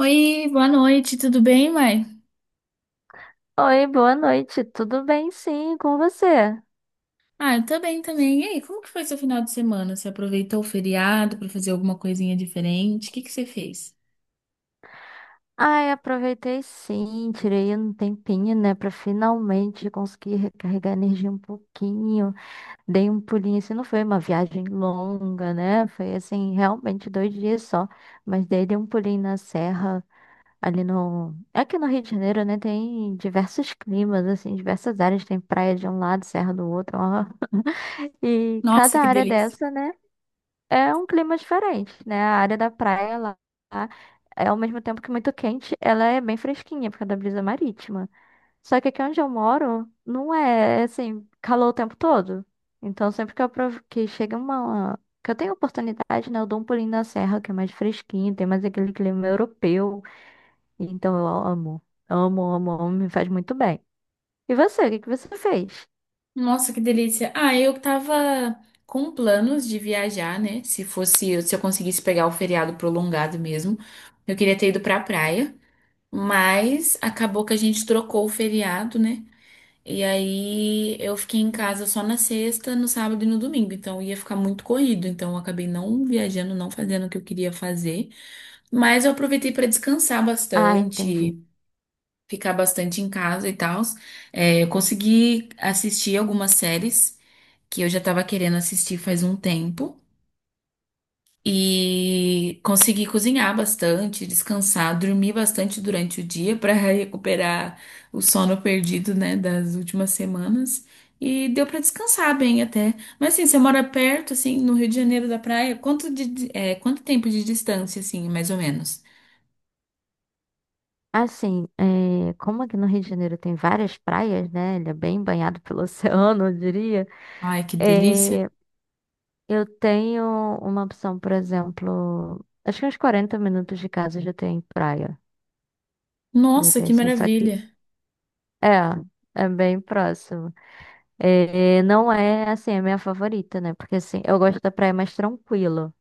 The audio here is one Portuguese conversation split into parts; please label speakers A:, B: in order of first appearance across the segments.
A: Oi, boa noite, tudo bem, mãe?
B: Oi, boa noite. Tudo bem, sim, com você?
A: Ah, eu tô bem também. E aí, como que foi seu final de semana? Você aproveitou o feriado pra fazer alguma coisinha diferente? O que que você fez?
B: Ai, aproveitei sim, tirei um tempinho, né, pra finalmente conseguir recarregar a energia um pouquinho. Dei um pulinho, assim, não foi uma viagem longa, né? Foi assim, realmente 2 dias só, mas daí dei um pulinho na serra, ali no, aqui no Rio de Janeiro, né, tem diversos climas, assim, diversas áreas, tem praia de um lado, serra do outro, ó. E
A: Nossa,
B: cada
A: que
B: área
A: delícia.
B: dessa, né? É um clima diferente, né? A área da praia lá, lá é ao mesmo tempo que muito quente, ela é bem fresquinha por causa da brisa marítima. Só que aqui onde eu moro, não é assim, calor o tempo todo. Então sempre que que chega uma que eu tenho oportunidade, né, eu dou um pulinho na serra, que é mais fresquinho, tem mais aquele clima europeu. Então eu amo, amo, amo, amo, me faz muito bem. E você, o que que você fez?
A: Nossa, que delícia. Ah, eu tava com planos de viajar, né? Se eu conseguisse pegar o feriado prolongado mesmo, eu queria ter ido pra praia, mas acabou que a gente trocou o feriado, né? E aí eu fiquei em casa só na sexta, no sábado e no domingo, então ia ficar muito corrido, então eu acabei não viajando, não fazendo o que eu queria fazer, mas eu aproveitei para descansar
B: Ah, entendi.
A: bastante, ficar bastante em casa e tal. É, eu consegui assistir algumas séries que eu já estava querendo assistir faz um tempo. E consegui cozinhar bastante, descansar, dormir bastante durante o dia para recuperar o sono perdido, né, das últimas semanas. E deu para descansar bem até. Mas assim, você mora perto, assim, no Rio de Janeiro da praia, quanto tempo de distância, assim, mais ou menos?
B: Assim, é, como aqui no Rio de Janeiro tem várias praias, né? Ele é bem banhado pelo oceano, eu diria.
A: Ai, que delícia!
B: é, eu tenho uma opção, por exemplo, acho que uns 40 minutos de casa já tem praia. Já
A: Nossa,
B: tem
A: que
B: assim, só que
A: maravilha!
B: é, é bem próximo. É, não é assim a minha favorita, né? Porque assim, eu gosto da praia mais tranquila.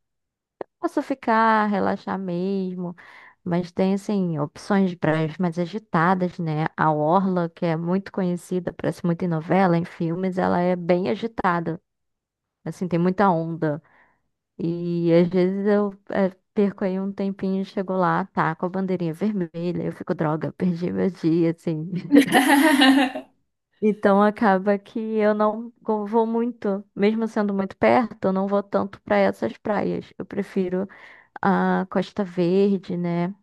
B: Posso ficar, relaxar mesmo, mas tem assim opções de praias mais agitadas, né? A Orla, que é muito conhecida, parece muito em novela, em filmes, ela é bem agitada, assim, tem muita onda. E às vezes eu perco aí um tempinho, chego lá, tá com a bandeirinha vermelha, eu fico, droga, perdi meu dia, assim. Então acaba que eu não go- vou muito, mesmo sendo muito perto, eu não vou tanto para essas praias. Eu prefiro a Costa Verde, né?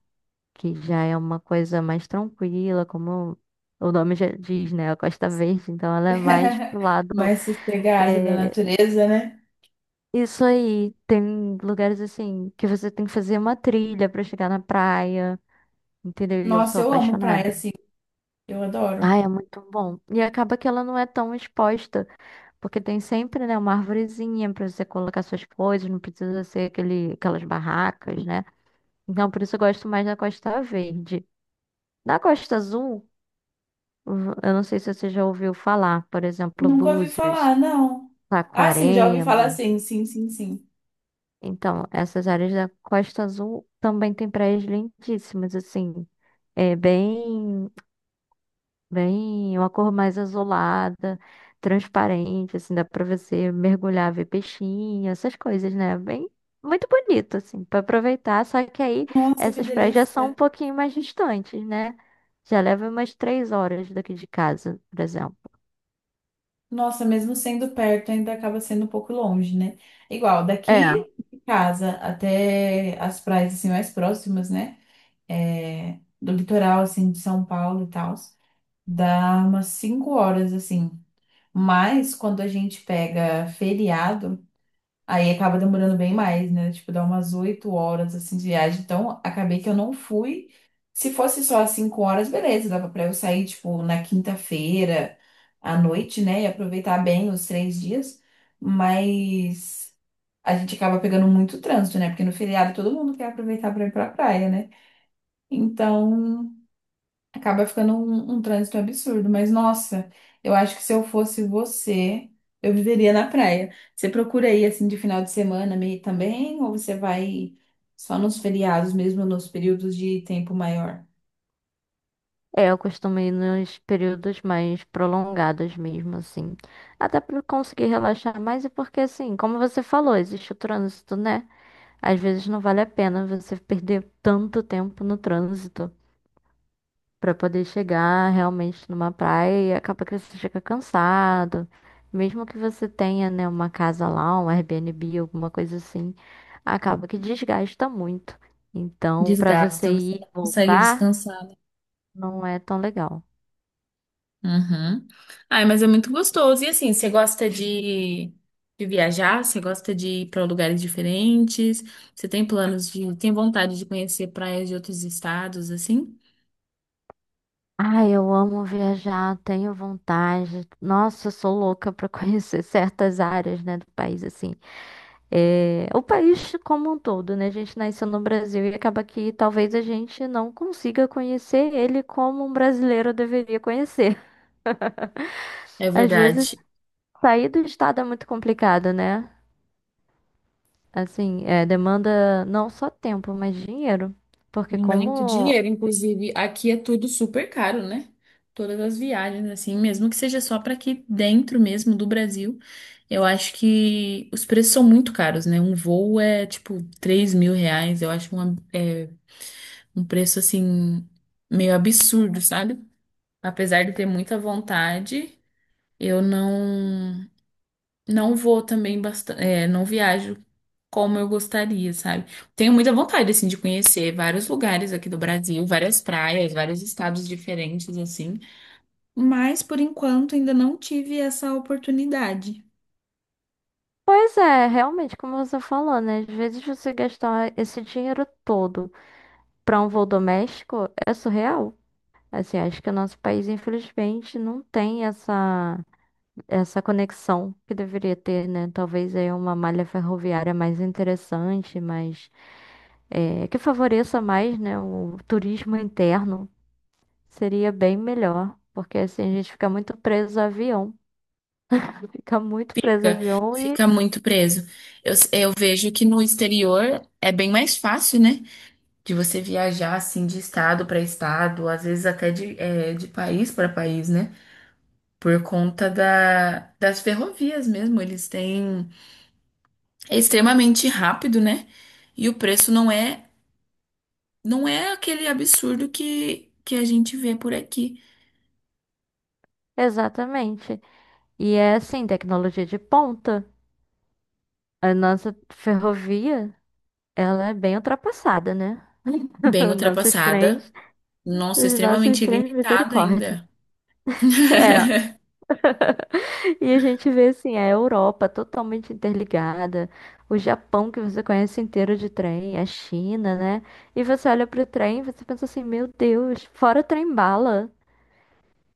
B: Que já é uma coisa mais tranquila, como o nome já diz, né? A Costa Verde, então ela é mais pro lado.
A: Mais sossegado da
B: é,
A: natureza, né?
B: Isso aí, tem lugares assim que você tem que fazer uma trilha pra chegar na praia, entendeu? E eu sou
A: Nossa, eu amo praia,
B: apaixonada.
A: assim, eu adoro.
B: Ah, é muito bom. E acaba que ela não é tão exposta, porque tem sempre, né, uma arvorezinha pra você colocar suas coisas, não precisa ser aquele, aquelas barracas, né? Então, por isso eu gosto mais da Costa Verde. Na Costa Azul, eu não sei se você já ouviu falar, por exemplo,
A: Nunca ouvi
B: Búzios,
A: falar, não. Ah, sim, já ouvi falar,
B: Saquarema.
A: sim, sim, sim, sim.
B: Então, essas áreas da Costa Azul também tem praias lindíssimas, assim, é bem, uma cor mais azulada, transparente, assim, dá pra você mergulhar, ver peixinho, essas coisas, né? Bem, muito bonito, assim, pra aproveitar. Só que aí
A: Nossa, que
B: essas praias já são um
A: delícia.
B: pouquinho mais distantes, né? Já leva umas 3 horas daqui de casa, por exemplo.
A: Nossa, mesmo sendo perto, ainda acaba sendo um pouco longe, né? Igual,
B: É.
A: daqui de casa até as praias assim, mais próximas, né? É, do litoral, assim, de São Paulo e tal, dá umas 5 horas, assim. Mas quando a gente pega feriado, aí acaba demorando bem mais, né? Tipo, dá umas 8 horas assim de viagem. Então, acabei que eu não fui. Se fosse só as 5 horas, beleza, dava pra eu sair, tipo, na quinta-feira à noite, né? E aproveitar bem os 3 dias. Mas a gente acaba pegando muito trânsito, né? Porque no feriado todo mundo quer aproveitar pra ir pra praia, né? Então, acaba ficando um trânsito absurdo, mas nossa, eu acho que se eu fosse você, eu viveria na praia. Você procura aí assim de final de semana meio também, ou você vai só nos feriados mesmo, nos períodos de tempo maior?
B: É, eu costumo ir nos períodos mais prolongados mesmo, assim. Até pra eu conseguir relaxar mais e porque, assim, como você falou, existe o trânsito, né? Às vezes não vale a pena você perder tanto tempo no trânsito pra poder chegar realmente numa praia e acaba que você chega cansado. Mesmo que você tenha, né, uma casa lá, um Airbnb, alguma coisa assim, acaba que desgasta muito. Então, pra você
A: Desgasta, você
B: ir e
A: não consegue
B: voltar,
A: descansar, né?
B: não é tão legal.
A: Uhum. Ai, mas é muito gostoso. E assim, você gosta de viajar? Você gosta de ir para lugares diferentes? Você tem tem vontade de conhecer praias de outros estados, assim?
B: Ai, eu amo viajar, tenho vontade. Nossa, eu sou louca para conhecer certas áreas, né, do país, assim. É, o país como um todo, né? A gente nasceu no Brasil e acaba que talvez a gente não consiga conhecer ele como um brasileiro deveria conhecer.
A: É
B: Às vezes,
A: verdade.
B: sair do estado é muito complicado, né? Assim, é, demanda não só tempo, mas dinheiro. Porque
A: Muito
B: como...
A: dinheiro, inclusive aqui é tudo super caro, né? Todas as viagens, assim, mesmo que seja só para aqui dentro mesmo do Brasil, eu acho que os preços são muito caros, né? Um voo é tipo R$ 3.000, eu acho um preço assim meio absurdo, sabe? Apesar de ter muita vontade, eu não vou também bastante, não viajo como eu gostaria, sabe? Tenho muita vontade, assim, de conhecer vários lugares aqui do Brasil, várias praias, vários estados diferentes, assim. Mas, por enquanto, ainda não tive essa oportunidade.
B: Pois é, realmente, como você falou, né? Às vezes você gastar esse dinheiro todo para um voo doméstico é surreal. Assim, acho que o nosso país, infelizmente, não tem essa, essa conexão que deveria ter, né? Talvez aí uma malha ferroviária mais interessante, mais, que favoreça mais, né, o turismo interno. Seria bem melhor, porque assim a gente fica muito preso a avião. Fica muito preso a
A: Fica,
B: avião e...
A: fica muito preso. Eu vejo que no exterior é bem mais fácil, né? De você viajar, assim, de estado para estado, às vezes até de país para país, né? Por conta das ferrovias mesmo. Eles têm. É extremamente rápido, né? E o preço não é aquele absurdo que a gente vê por aqui.
B: Exatamente. E é assim, tecnologia de ponta. A nossa ferrovia, ela é bem ultrapassada, né?
A: Bem
B: Os nossos
A: ultrapassada,
B: trens,
A: nossa,
B: os nossos
A: extremamente
B: trens,
A: limitado
B: misericórdia.
A: ainda.
B: É. E a gente vê assim, a Europa totalmente interligada, o Japão que você conhece inteiro de trem, a China, né? E você olha pro trem e você pensa assim, meu Deus, fora o trem bala.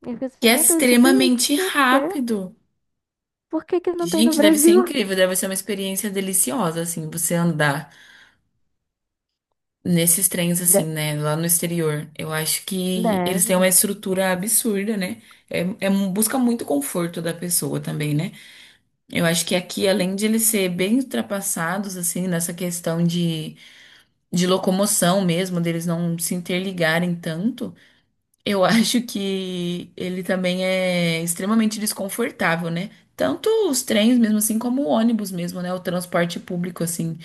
B: E você pensa assim,
A: Que é
B: meu Deus, isso tem o que
A: extremamente
B: tinha que ter?
A: rápido.
B: Por que que não tem no
A: Gente, deve ser
B: Brasil?
A: incrível, deve ser uma experiência deliciosa assim, você andar nesses trens assim,
B: De-
A: né, lá no exterior. Eu acho que eles têm uma
B: Deve.
A: estrutura absurda, né? É, busca muito conforto da pessoa também, né? Eu acho que aqui, além de eles serem bem ultrapassados, assim, nessa questão de locomoção mesmo, deles não se interligarem tanto, eu acho que ele também é extremamente desconfortável, né? Tanto os trens mesmo assim, como o ônibus mesmo, né? O transporte público, assim,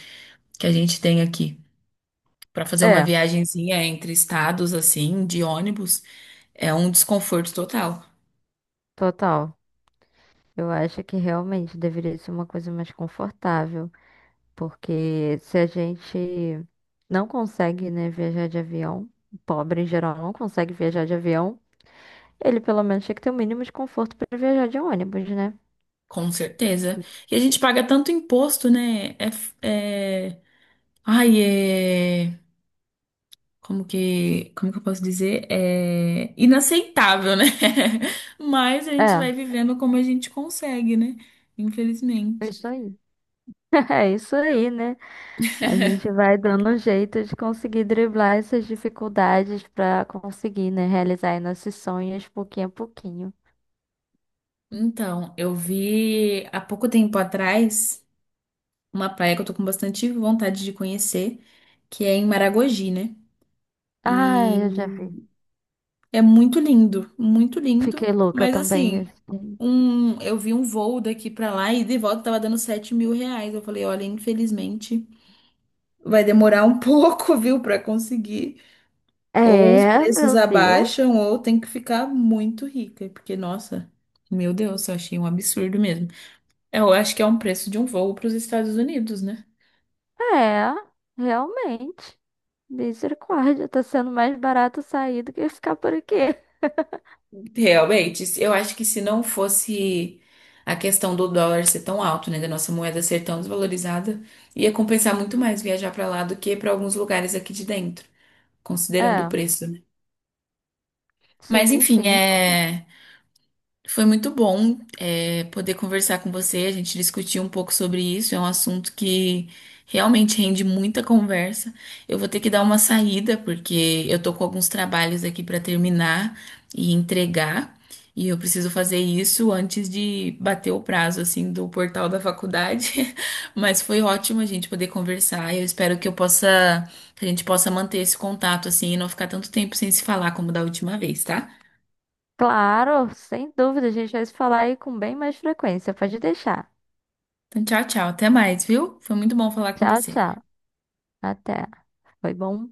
A: que a gente tem aqui. Pra fazer uma
B: É,
A: viagenzinha entre estados, assim, de ônibus, é um desconforto total,
B: total. Eu acho que realmente deveria ser uma coisa mais confortável. Porque se a gente não consegue, né, viajar de avião, o pobre em geral não consegue viajar de avião, ele pelo menos tinha que ter o mínimo de conforto para viajar de ônibus, né?
A: com certeza. E a gente paga tanto imposto, né? É. Ai, é. Como que eu posso dizer? É inaceitável, né? Mas a gente
B: É,
A: vai vivendo como a gente consegue, né?
B: é
A: Infelizmente.
B: isso aí. É isso aí, né? A gente vai dando um jeito de conseguir driblar essas dificuldades para conseguir, né, realizar aí nossos sonhos pouquinho a pouquinho.
A: Então, eu vi há pouco tempo atrás uma praia que eu tô com bastante vontade de conhecer, que é em Maragogi, né?
B: Ah, eu já
A: E
B: vi.
A: é muito lindo, muito lindo.
B: Fiquei louca
A: Mas
B: também.
A: assim,
B: Assim.
A: eu vi um voo daqui pra lá e de volta tava dando R$ 7.000. Eu falei, olha, infelizmente. Vai demorar um pouco, viu, para conseguir. Ou os
B: É,
A: preços
B: meu Deus.
A: abaixam, ou tem que ficar muito rica, porque, nossa, meu Deus, eu achei um absurdo mesmo. Eu acho que é um preço de um voo para os Estados Unidos, né?
B: É, realmente. Misericórdia, tá sendo mais barato sair do que ficar por aqui.
A: Realmente, eu acho que se não fosse a questão do dólar ser tão alto, né, da nossa moeda ser tão desvalorizada, ia compensar muito mais viajar para lá do que para alguns lugares aqui de dentro, considerando o
B: É,
A: preço, né? Mas
B: sim,
A: enfim,
B: sim.
A: é. Foi muito bom, poder conversar com você, a gente discutir um pouco sobre isso. É um assunto que realmente rende muita conversa. Eu vou ter que dar uma saída, porque eu tô com alguns trabalhos aqui para terminar e entregar, e eu preciso fazer isso antes de bater o prazo, assim, do portal da faculdade. Mas foi ótimo a gente poder conversar. Eu espero que a gente possa manter esse contato, assim, e não ficar tanto tempo sem se falar como da última vez, tá?
B: Claro, sem dúvida, a gente vai se falar aí com bem mais frequência. Pode deixar.
A: Então, tchau, tchau. Até mais, viu? Foi muito bom falar com
B: Tchau,
A: você.
B: tchau. Até. Foi bom.